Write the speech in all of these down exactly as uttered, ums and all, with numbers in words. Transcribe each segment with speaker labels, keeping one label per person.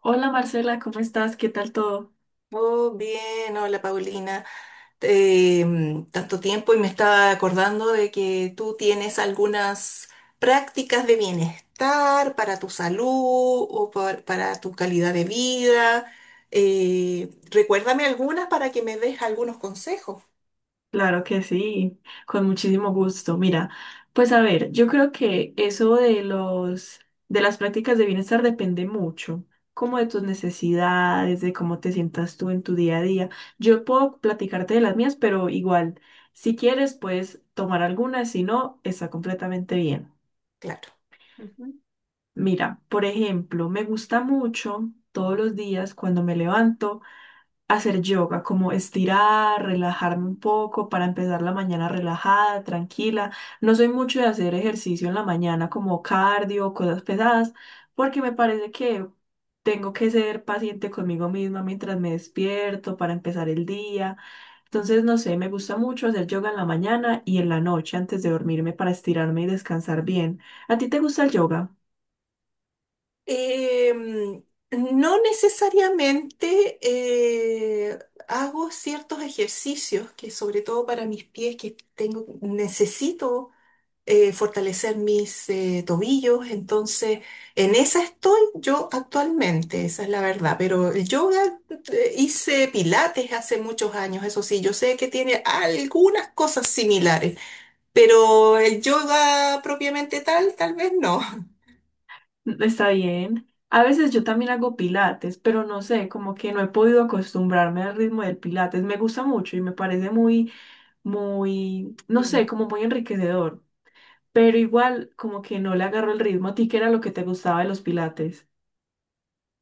Speaker 1: Hola Marcela, ¿cómo estás? ¿Qué tal todo?
Speaker 2: Oh, bien, hola Paulina. Eh, Tanto tiempo y me estaba acordando de que tú tienes algunas prácticas de bienestar para tu salud o por- para tu calidad de vida. Eh, recuérdame algunas para que me des algunos consejos,
Speaker 1: Claro que sí, con muchísimo gusto. Mira, pues a ver, yo creo que eso de los de las prácticas de bienestar depende mucho, como de tus necesidades, de cómo te sientas tú en tu día a día. Yo puedo platicarte de las mías, pero igual, si quieres, puedes tomar algunas, si no, está completamente bien.
Speaker 2: claro. Ujú.
Speaker 1: Mira, por ejemplo, me gusta mucho todos los días cuando me levanto, hacer yoga, como estirar, relajarme un poco para empezar la mañana relajada, tranquila. No soy mucho de hacer ejercicio en la mañana como cardio, cosas pesadas, porque me parece que tengo que ser paciente conmigo misma mientras me despierto para empezar el día. Entonces, no sé, me gusta mucho hacer yoga en la mañana y en la noche antes de dormirme para estirarme y descansar bien. ¿A ti te gusta el yoga?
Speaker 2: Eh, no necesariamente, eh, hago ciertos ejercicios que sobre todo para mis pies que tengo, necesito eh, fortalecer mis eh, tobillos. Entonces, en esa estoy yo actualmente, esa es la verdad. Pero el yoga, eh, hice pilates hace muchos años, eso sí, yo sé que tiene algunas cosas similares, pero el yoga propiamente tal, tal vez no.
Speaker 1: Está bien. A veces yo también hago pilates, pero no sé, como que no he podido acostumbrarme al ritmo del pilates. Me gusta mucho y me parece muy, muy, no sé,
Speaker 2: Mm.
Speaker 1: como muy enriquecedor. Pero igual, como que no le agarro el ritmo. ¿A ti qué era lo que te gustaba de los pilates?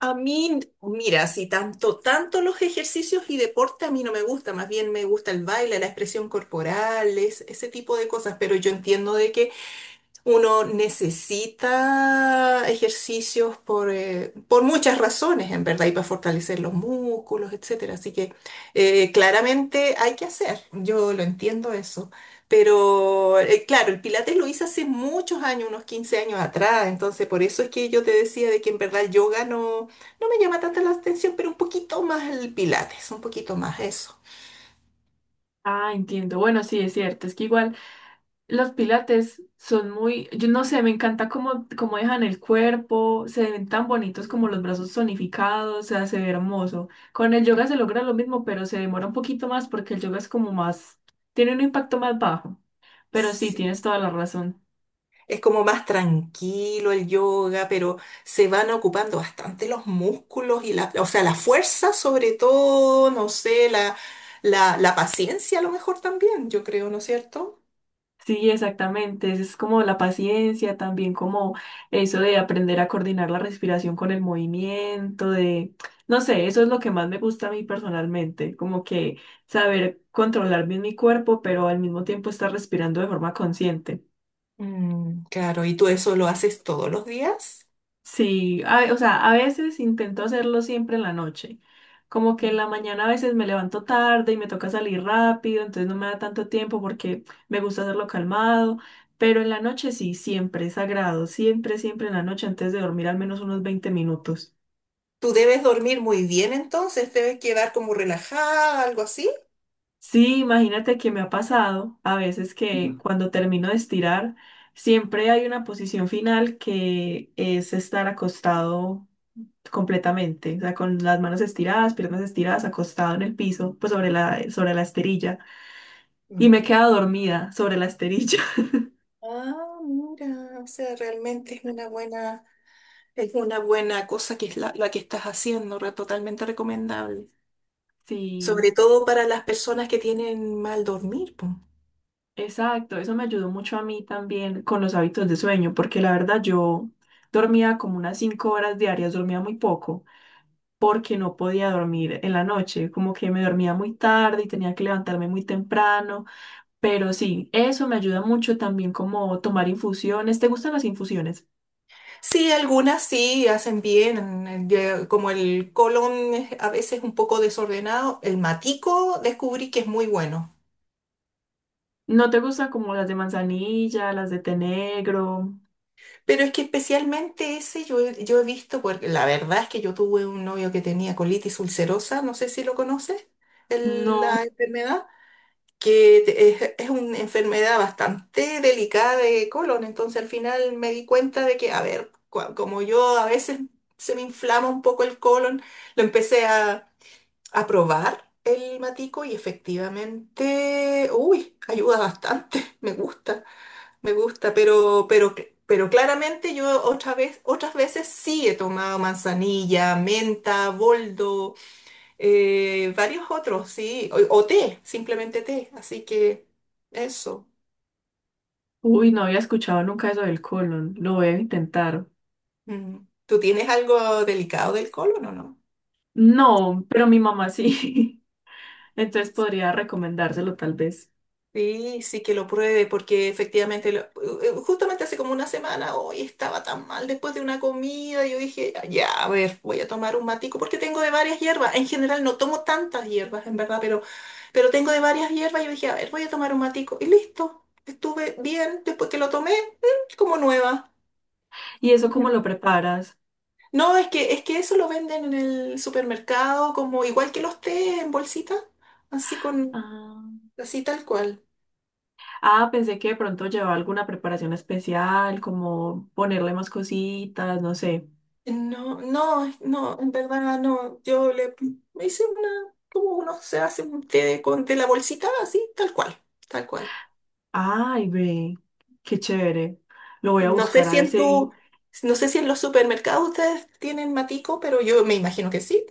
Speaker 2: A mí, mira, si tanto, tanto los ejercicios y deporte a mí no me gusta, más bien me gusta el baile, la expresión corporal, es- ese tipo de cosas, pero yo entiendo de que uno necesita ejercicios por, eh, por muchas razones, en verdad, y para fortalecer los músculos, etcétera. Así que eh, claramente hay que hacer, yo lo entiendo eso. Pero eh, claro, el Pilates lo hice hace muchos años, unos quince años atrás, entonces por eso es que yo te decía de que en verdad el yoga no, no me llama tanta la atención, pero un poquito más el Pilates, un poquito más eso.
Speaker 1: Ah, entiendo. Bueno, sí, es cierto. Es que igual, los pilates son muy, yo no sé, me encanta cómo, cómo dejan el cuerpo, se ven tan bonitos como
Speaker 2: Ujú.
Speaker 1: los brazos tonificados, o sea, se ve hermoso. Con el yoga se logra lo mismo, pero se demora un poquito más porque el yoga es como más, tiene un impacto más bajo. Pero sí,
Speaker 2: Sí.
Speaker 1: tienes toda la razón.
Speaker 2: Es como más tranquilo el yoga, pero se van ocupando bastante los músculos y la, o sea, la fuerza sobre todo, no sé, la, la, la paciencia a lo mejor también, yo creo, ¿no es cierto?
Speaker 1: Sí, exactamente. Es como la paciencia, también como eso de aprender a coordinar la respiración con el movimiento, de, no sé, eso es lo que más me gusta a mí personalmente, como que saber controlar bien mi cuerpo, pero al mismo tiempo estar respirando de forma consciente.
Speaker 2: Mm, claro, y tú eso lo haces todos los días.
Speaker 1: Sí, a o sea, a veces intento hacerlo siempre en la noche. Como que en
Speaker 2: Mm.
Speaker 1: la mañana a veces me levanto tarde y me toca salir rápido, entonces no me da tanto tiempo porque me gusta hacerlo calmado, pero en la noche sí, siempre es sagrado, siempre, siempre en la noche antes de dormir al menos unos veinte minutos.
Speaker 2: Tú debes dormir muy bien entonces, debes quedar como relajada, algo así.
Speaker 1: Sí, imagínate que me ha pasado a veces que cuando termino de estirar, siempre hay una posición final que es estar acostado completamente, o sea, con las manos estiradas, piernas estiradas, acostado en el piso, pues sobre la, sobre la esterilla. Y
Speaker 2: Mm.
Speaker 1: me quedaba dormida sobre la esterilla.
Speaker 2: Ah, mira, o sea, realmente es una buena, es una buena cosa que es la, la que estás haciendo, re- totalmente recomendable. Sobre
Speaker 1: Sí,
Speaker 2: todo para las personas que tienen mal dormir, po.
Speaker 1: exacto, eso me ayudó mucho a mí también con los hábitos de sueño, porque la verdad yo dormía como unas cinco horas diarias, dormía muy poco, porque no podía dormir en la noche, como que me dormía muy tarde y tenía que levantarme muy temprano, pero sí, eso me ayuda mucho también como tomar infusiones. ¿Te gustan las infusiones?
Speaker 2: Sí, algunas sí hacen bien, eh, ya- como el colon es a veces un poco desordenado, el matico descubrí que es muy bueno.
Speaker 1: ¿No te gustan como las de manzanilla, las de té negro?
Speaker 2: Pero es que especialmente ese yo, he- yo he visto, porque la verdad es que yo tuve un novio que tenía colitis ulcerosa, no sé si lo conoces, el- la
Speaker 1: No.
Speaker 2: enfermedad. que te- es, es una enfermedad bastante delicada de colon, entonces al final me di cuenta de que, a ver, cua- como yo a veces se me inflama un poco el colon, lo empecé a, a probar el matico y efectivamente, uy, ayuda bastante. me gusta, me gusta, pero, pero, cl- pero claramente yo otra vez, otras veces sí he tomado manzanilla, menta, boldo. Eh, varios otros, sí, o, o té, simplemente té, así que eso.
Speaker 1: Uy, no había escuchado nunca eso del colon. Lo voy a intentar.
Speaker 2: Mm. ¿Tú tienes algo delicado del colon o no?
Speaker 1: No, pero mi mamá sí. Entonces podría recomendárselo tal vez.
Speaker 2: Sí, sí que lo pruebe, porque efectivamente, lo- eh, justamente hace como una semana, hoy estaba tan mal después de una comida, yo dije, ya, a ver, voy a tomar un matico, porque tengo de varias hierbas, en general no tomo tantas hierbas, en verdad, pero, pero tengo de varias hierbas, y yo dije, a ver, voy a tomar un matico, y listo, estuve bien, después que lo tomé, mm, como nueva.
Speaker 1: ¿Y eso cómo lo preparas?
Speaker 2: No, es que, es que eso lo venden en el supermercado, como igual que los té en bolsita, así con,
Speaker 1: Ah,
Speaker 2: así tal cual.
Speaker 1: ah, pensé que de pronto llevaba alguna preparación especial, como ponerle más cositas, no sé.
Speaker 2: No, no, no, en verdad no. Yo le Me hice una, como uno se hace un té de, con, de la bolsita, así, tal cual, tal cual.
Speaker 1: Ay, ve, qué chévere. Lo voy a
Speaker 2: No sé
Speaker 1: buscar a
Speaker 2: si
Speaker 1: ver
Speaker 2: en
Speaker 1: si
Speaker 2: tu, no sé si en los supermercados ustedes tienen matico, pero yo me imagino que sí.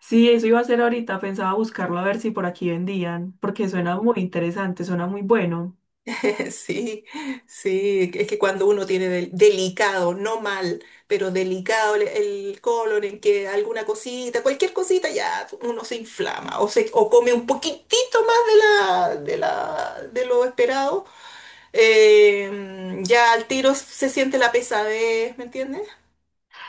Speaker 1: sí, eso iba a ser ahorita, pensaba buscarlo a ver si por aquí vendían, porque suena muy interesante, suena muy bueno.
Speaker 2: Sí, sí, es que cuando uno tiene del- delicado, no mal, pero delicado el, el colon, en que alguna cosita, cualquier cosita, ya uno se inflama o, se, o come un poquitito más de, la, de, la, de lo esperado, eh, ya al tiro se siente la pesadez, ¿me entiendes?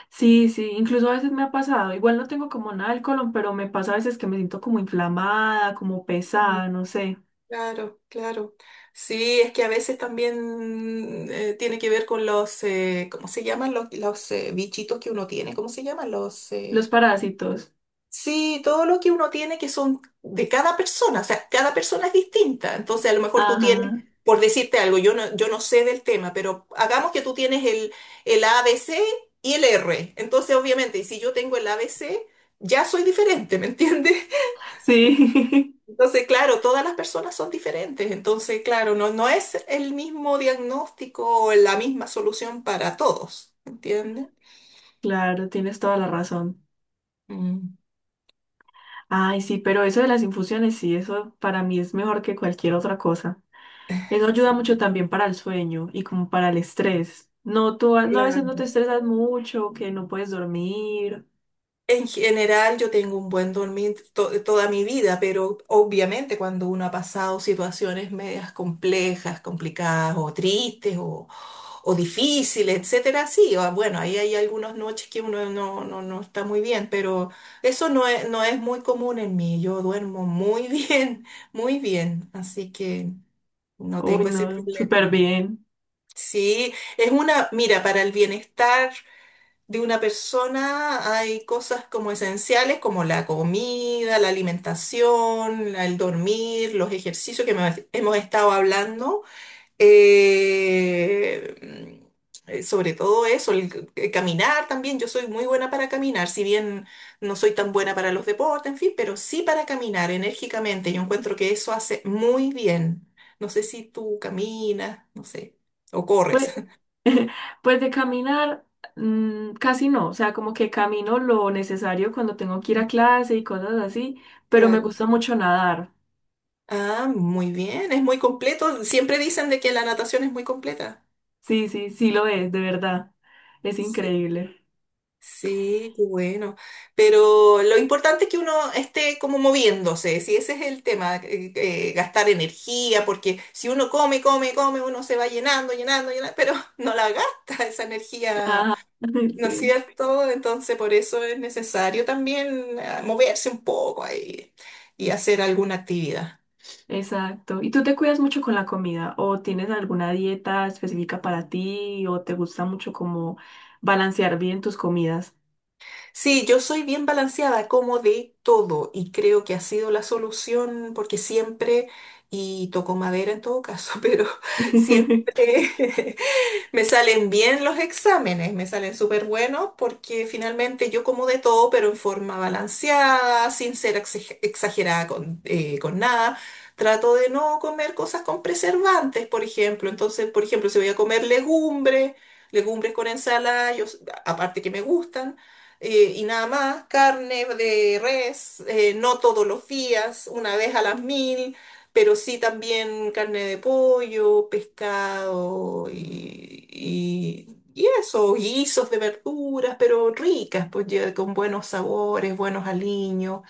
Speaker 1: Sí, sí, incluso a veces me ha pasado, igual no tengo como nada del colon, pero me pasa a veces que me siento como inflamada, como
Speaker 2: Mm.
Speaker 1: pesada, no sé.
Speaker 2: Claro, claro. Sí, es que a veces también eh, tiene que ver con los, eh, ¿cómo se llaman los, los eh, bichitos que uno tiene? ¿Cómo se llaman los...?
Speaker 1: Los
Speaker 2: eh,
Speaker 1: parásitos.
Speaker 2: Sí, todo lo que uno tiene que son de cada persona, o sea, cada persona es distinta. Entonces, a lo mejor tú
Speaker 1: Ajá,
Speaker 2: tienes, por decirte algo, yo no, yo no sé del tema, pero hagamos que tú tienes el, el A B C y el R. Entonces, obviamente, si yo tengo el A B C, ya soy diferente, ¿me entiendes?
Speaker 1: sí,
Speaker 2: Entonces, claro, todas las personas son diferentes. Entonces, claro, no, no es el mismo diagnóstico o la misma solución para todos, ¿me entiendes?
Speaker 1: claro, tienes toda la razón.
Speaker 2: Mm.
Speaker 1: Ay, sí, pero eso de las infusiones, sí, eso para mí es mejor que cualquier otra cosa. Eso
Speaker 2: Sí,
Speaker 1: ayuda
Speaker 2: sí.
Speaker 1: mucho también para el sueño y como para el estrés. No, tú a, no, a veces no
Speaker 2: Claro.
Speaker 1: te estresas mucho, que no puedes dormir.
Speaker 2: En general, yo tengo un buen dormir to- toda mi vida, pero obviamente cuando uno ha pasado situaciones medias complejas, complicadas o tristes o, o difíciles, etcétera, sí, o- bueno, ahí hay algunas noches que uno no, no, no está muy bien, pero eso no es, no es muy común en mí. Yo duermo muy bien, muy bien, así que no
Speaker 1: Uy,
Speaker 2: tengo ese
Speaker 1: no,
Speaker 2: problema.
Speaker 1: súper bien.
Speaker 2: Sí, es una, mira, para el bienestar de una persona hay cosas como esenciales como la comida, la alimentación, la- el dormir, los ejercicios que me- hemos estado hablando. eh, eh, Sobre todo eso, el, c- eh, caminar también. Yo soy muy buena para caminar, si bien no soy tan buena para los deportes, en fin, pero sí para caminar enérgicamente. Yo encuentro que eso hace muy bien. No sé si tú caminas, no sé, o
Speaker 1: Pues,
Speaker 2: corres.
Speaker 1: pues de caminar, mm, casi no. O sea, como que camino lo necesario cuando tengo que ir a clase y cosas así, pero me
Speaker 2: Claro.
Speaker 1: gusta mucho nadar.
Speaker 2: Ah, muy bien, es muy completo. Siempre dicen de que la natación es muy completa.
Speaker 1: Sí, sí, sí lo es, de verdad. Es
Speaker 2: Sí,
Speaker 1: increíble.
Speaker 2: sí, qué bueno. Pero lo importante es que uno esté como moviéndose, si ese es el tema, eh, eh, gastar energía, porque si uno come, come, come, uno se va llenando, llenando, llenando, pero no la gasta esa energía,
Speaker 1: Ajá,
Speaker 2: ¿no es
Speaker 1: sí.
Speaker 2: cierto? Entonces por eso es necesario también eh, moverse un poco ahí y hacer alguna actividad.
Speaker 1: Exacto. ¿Y tú te cuidas mucho con la comida? ¿O tienes alguna dieta específica para ti? ¿O te gusta mucho como balancear bien tus comidas?
Speaker 2: Sí, yo soy bien balanceada, como de todo, y creo que ha sido la solución porque siempre, y toco madera en todo caso, pero siempre me salen bien los exámenes, me salen súper buenos porque finalmente yo como de todo, pero en forma balanceada, sin ser exag- exagerada con, eh, con nada. Trato de no comer cosas con preservantes, por ejemplo. Entonces, por ejemplo, si voy a comer legumbre, legumbres con ensalada, yo, aparte que me gustan eh, y nada más, carne de res, eh, no todos los días, una vez a las mil, pero sí también carne de pollo, pescado y, y, y eso, guisos de verduras, pero ricas, pues ya con buenos sabores, buenos aliños.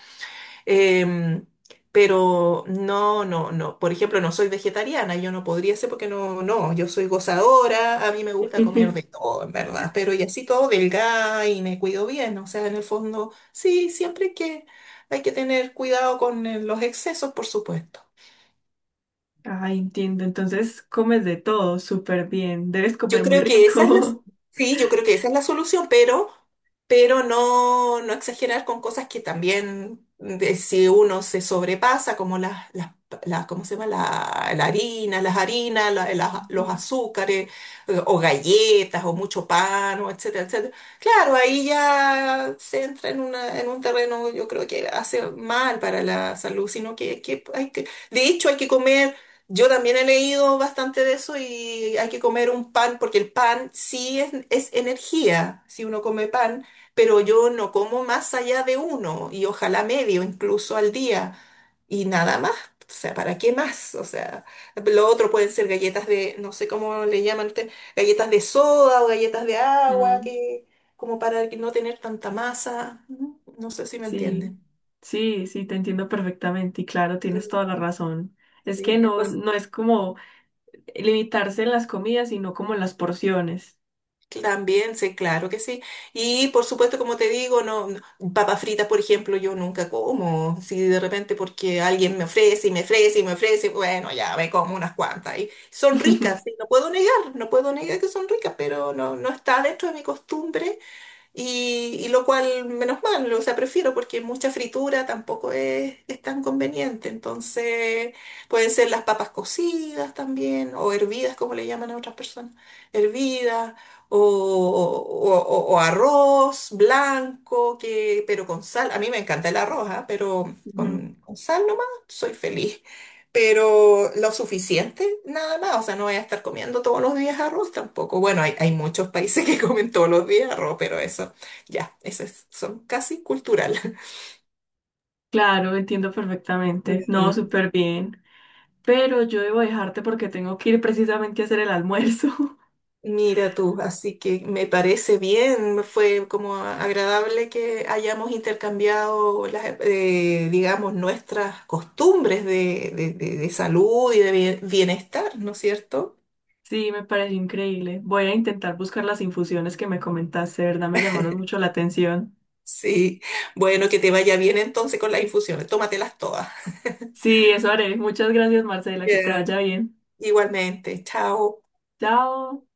Speaker 2: Em, pero no, no, no. Por ejemplo, no soy vegetariana, yo no podría ser porque no, no, yo soy gozadora, a mí me gusta comer de todo, en verdad, pero y así todo delgada y me cuido bien, o sea, en el fondo, sí, siempre que hay que tener cuidado con eh, los excesos, por supuesto.
Speaker 1: Ah, entiendo. Entonces comes de todo súper bien. Debes
Speaker 2: Yo
Speaker 1: comer muy
Speaker 2: creo que esa es la,
Speaker 1: rico.
Speaker 2: sí, yo creo que esa es la solución, pero, pero no, no exagerar con cosas que también, de- si uno se sobrepasa, como las, las, las- ¿cómo se llama? La, la harina, las harinas, la- las- los
Speaker 1: Ujú.
Speaker 2: azúcares, eh, o galletas, o mucho pan, o etcétera, etcétera. Claro, ahí ya se entra en una, en un terreno, yo creo que hace mal para la salud, sino que, que hay que, de hecho, hay que comer. Yo también he leído bastante de eso y hay que comer un pan, porque el pan sí es, es energía, si uno come pan, pero yo no como más allá de uno y ojalá medio incluso al día y nada más. O sea, ¿para qué más? O sea, lo otro pueden ser galletas de, no sé cómo le llaman ustedes, galletas de soda o galletas de agua,
Speaker 1: Mm,
Speaker 2: que como para que no tener tanta masa. No, no sé si me
Speaker 1: sí,
Speaker 2: entienden.
Speaker 1: sí, sí, te entiendo perfectamente. Y claro, tienes
Speaker 2: Sí,
Speaker 1: toda la razón. Es que
Speaker 2: sí.
Speaker 1: no,
Speaker 2: Entonces,
Speaker 1: no es como limitarse en las comidas, sino como en las porciones.
Speaker 2: también, sí, claro que sí. Y por supuesto, como te digo, no, no- papas fritas, por ejemplo, yo nunca como. Si de repente porque alguien me ofrece y me ofrece y me ofrece, bueno, ya me como unas cuantas. Y son ricas, sí, no puedo negar, no puedo negar que son ricas, pero no, no está dentro de mi costumbre y, y lo cual, menos mal, o sea, prefiero porque mucha fritura tampoco es, es tan conveniente. Entonces, pueden ser las papas cocidas también, o hervidas, como le llaman a otras personas, hervidas, o, o- o- o arroz blanco, que, pero con sal. A mí me encanta el arroz, ¿ah? Pero
Speaker 1: Ujú.
Speaker 2: con, con sal nomás soy feliz pero lo suficiente nada más, o sea, no voy a estar comiendo todos los días arroz tampoco. Bueno, hay, hay muchos países que comen todos los días arroz, pero eso, ya, eso es, son casi cultural.
Speaker 1: Claro, entiendo perfectamente. No,
Speaker 2: Mm,
Speaker 1: súper bien. Pero yo debo dejarte porque tengo que ir precisamente a hacer el almuerzo.
Speaker 2: mira tú, así que me parece bien, fue como agradable que hayamos intercambiado las, eh, digamos, nuestras costumbres de, de de- de salud y de bien- bienestar, ¿no es cierto?
Speaker 1: Sí, me pareció increíble. Voy a intentar buscar las infusiones que me comentaste, de verdad me llamaron mucho la atención.
Speaker 2: Sí, bueno, que te vaya bien entonces con las infusiones, tómatelas todas.
Speaker 1: Sí, eso haré. Muchas gracias, Marcela, que te
Speaker 2: Ya.
Speaker 1: vaya bien.
Speaker 2: Igualmente, chao.
Speaker 1: Chao.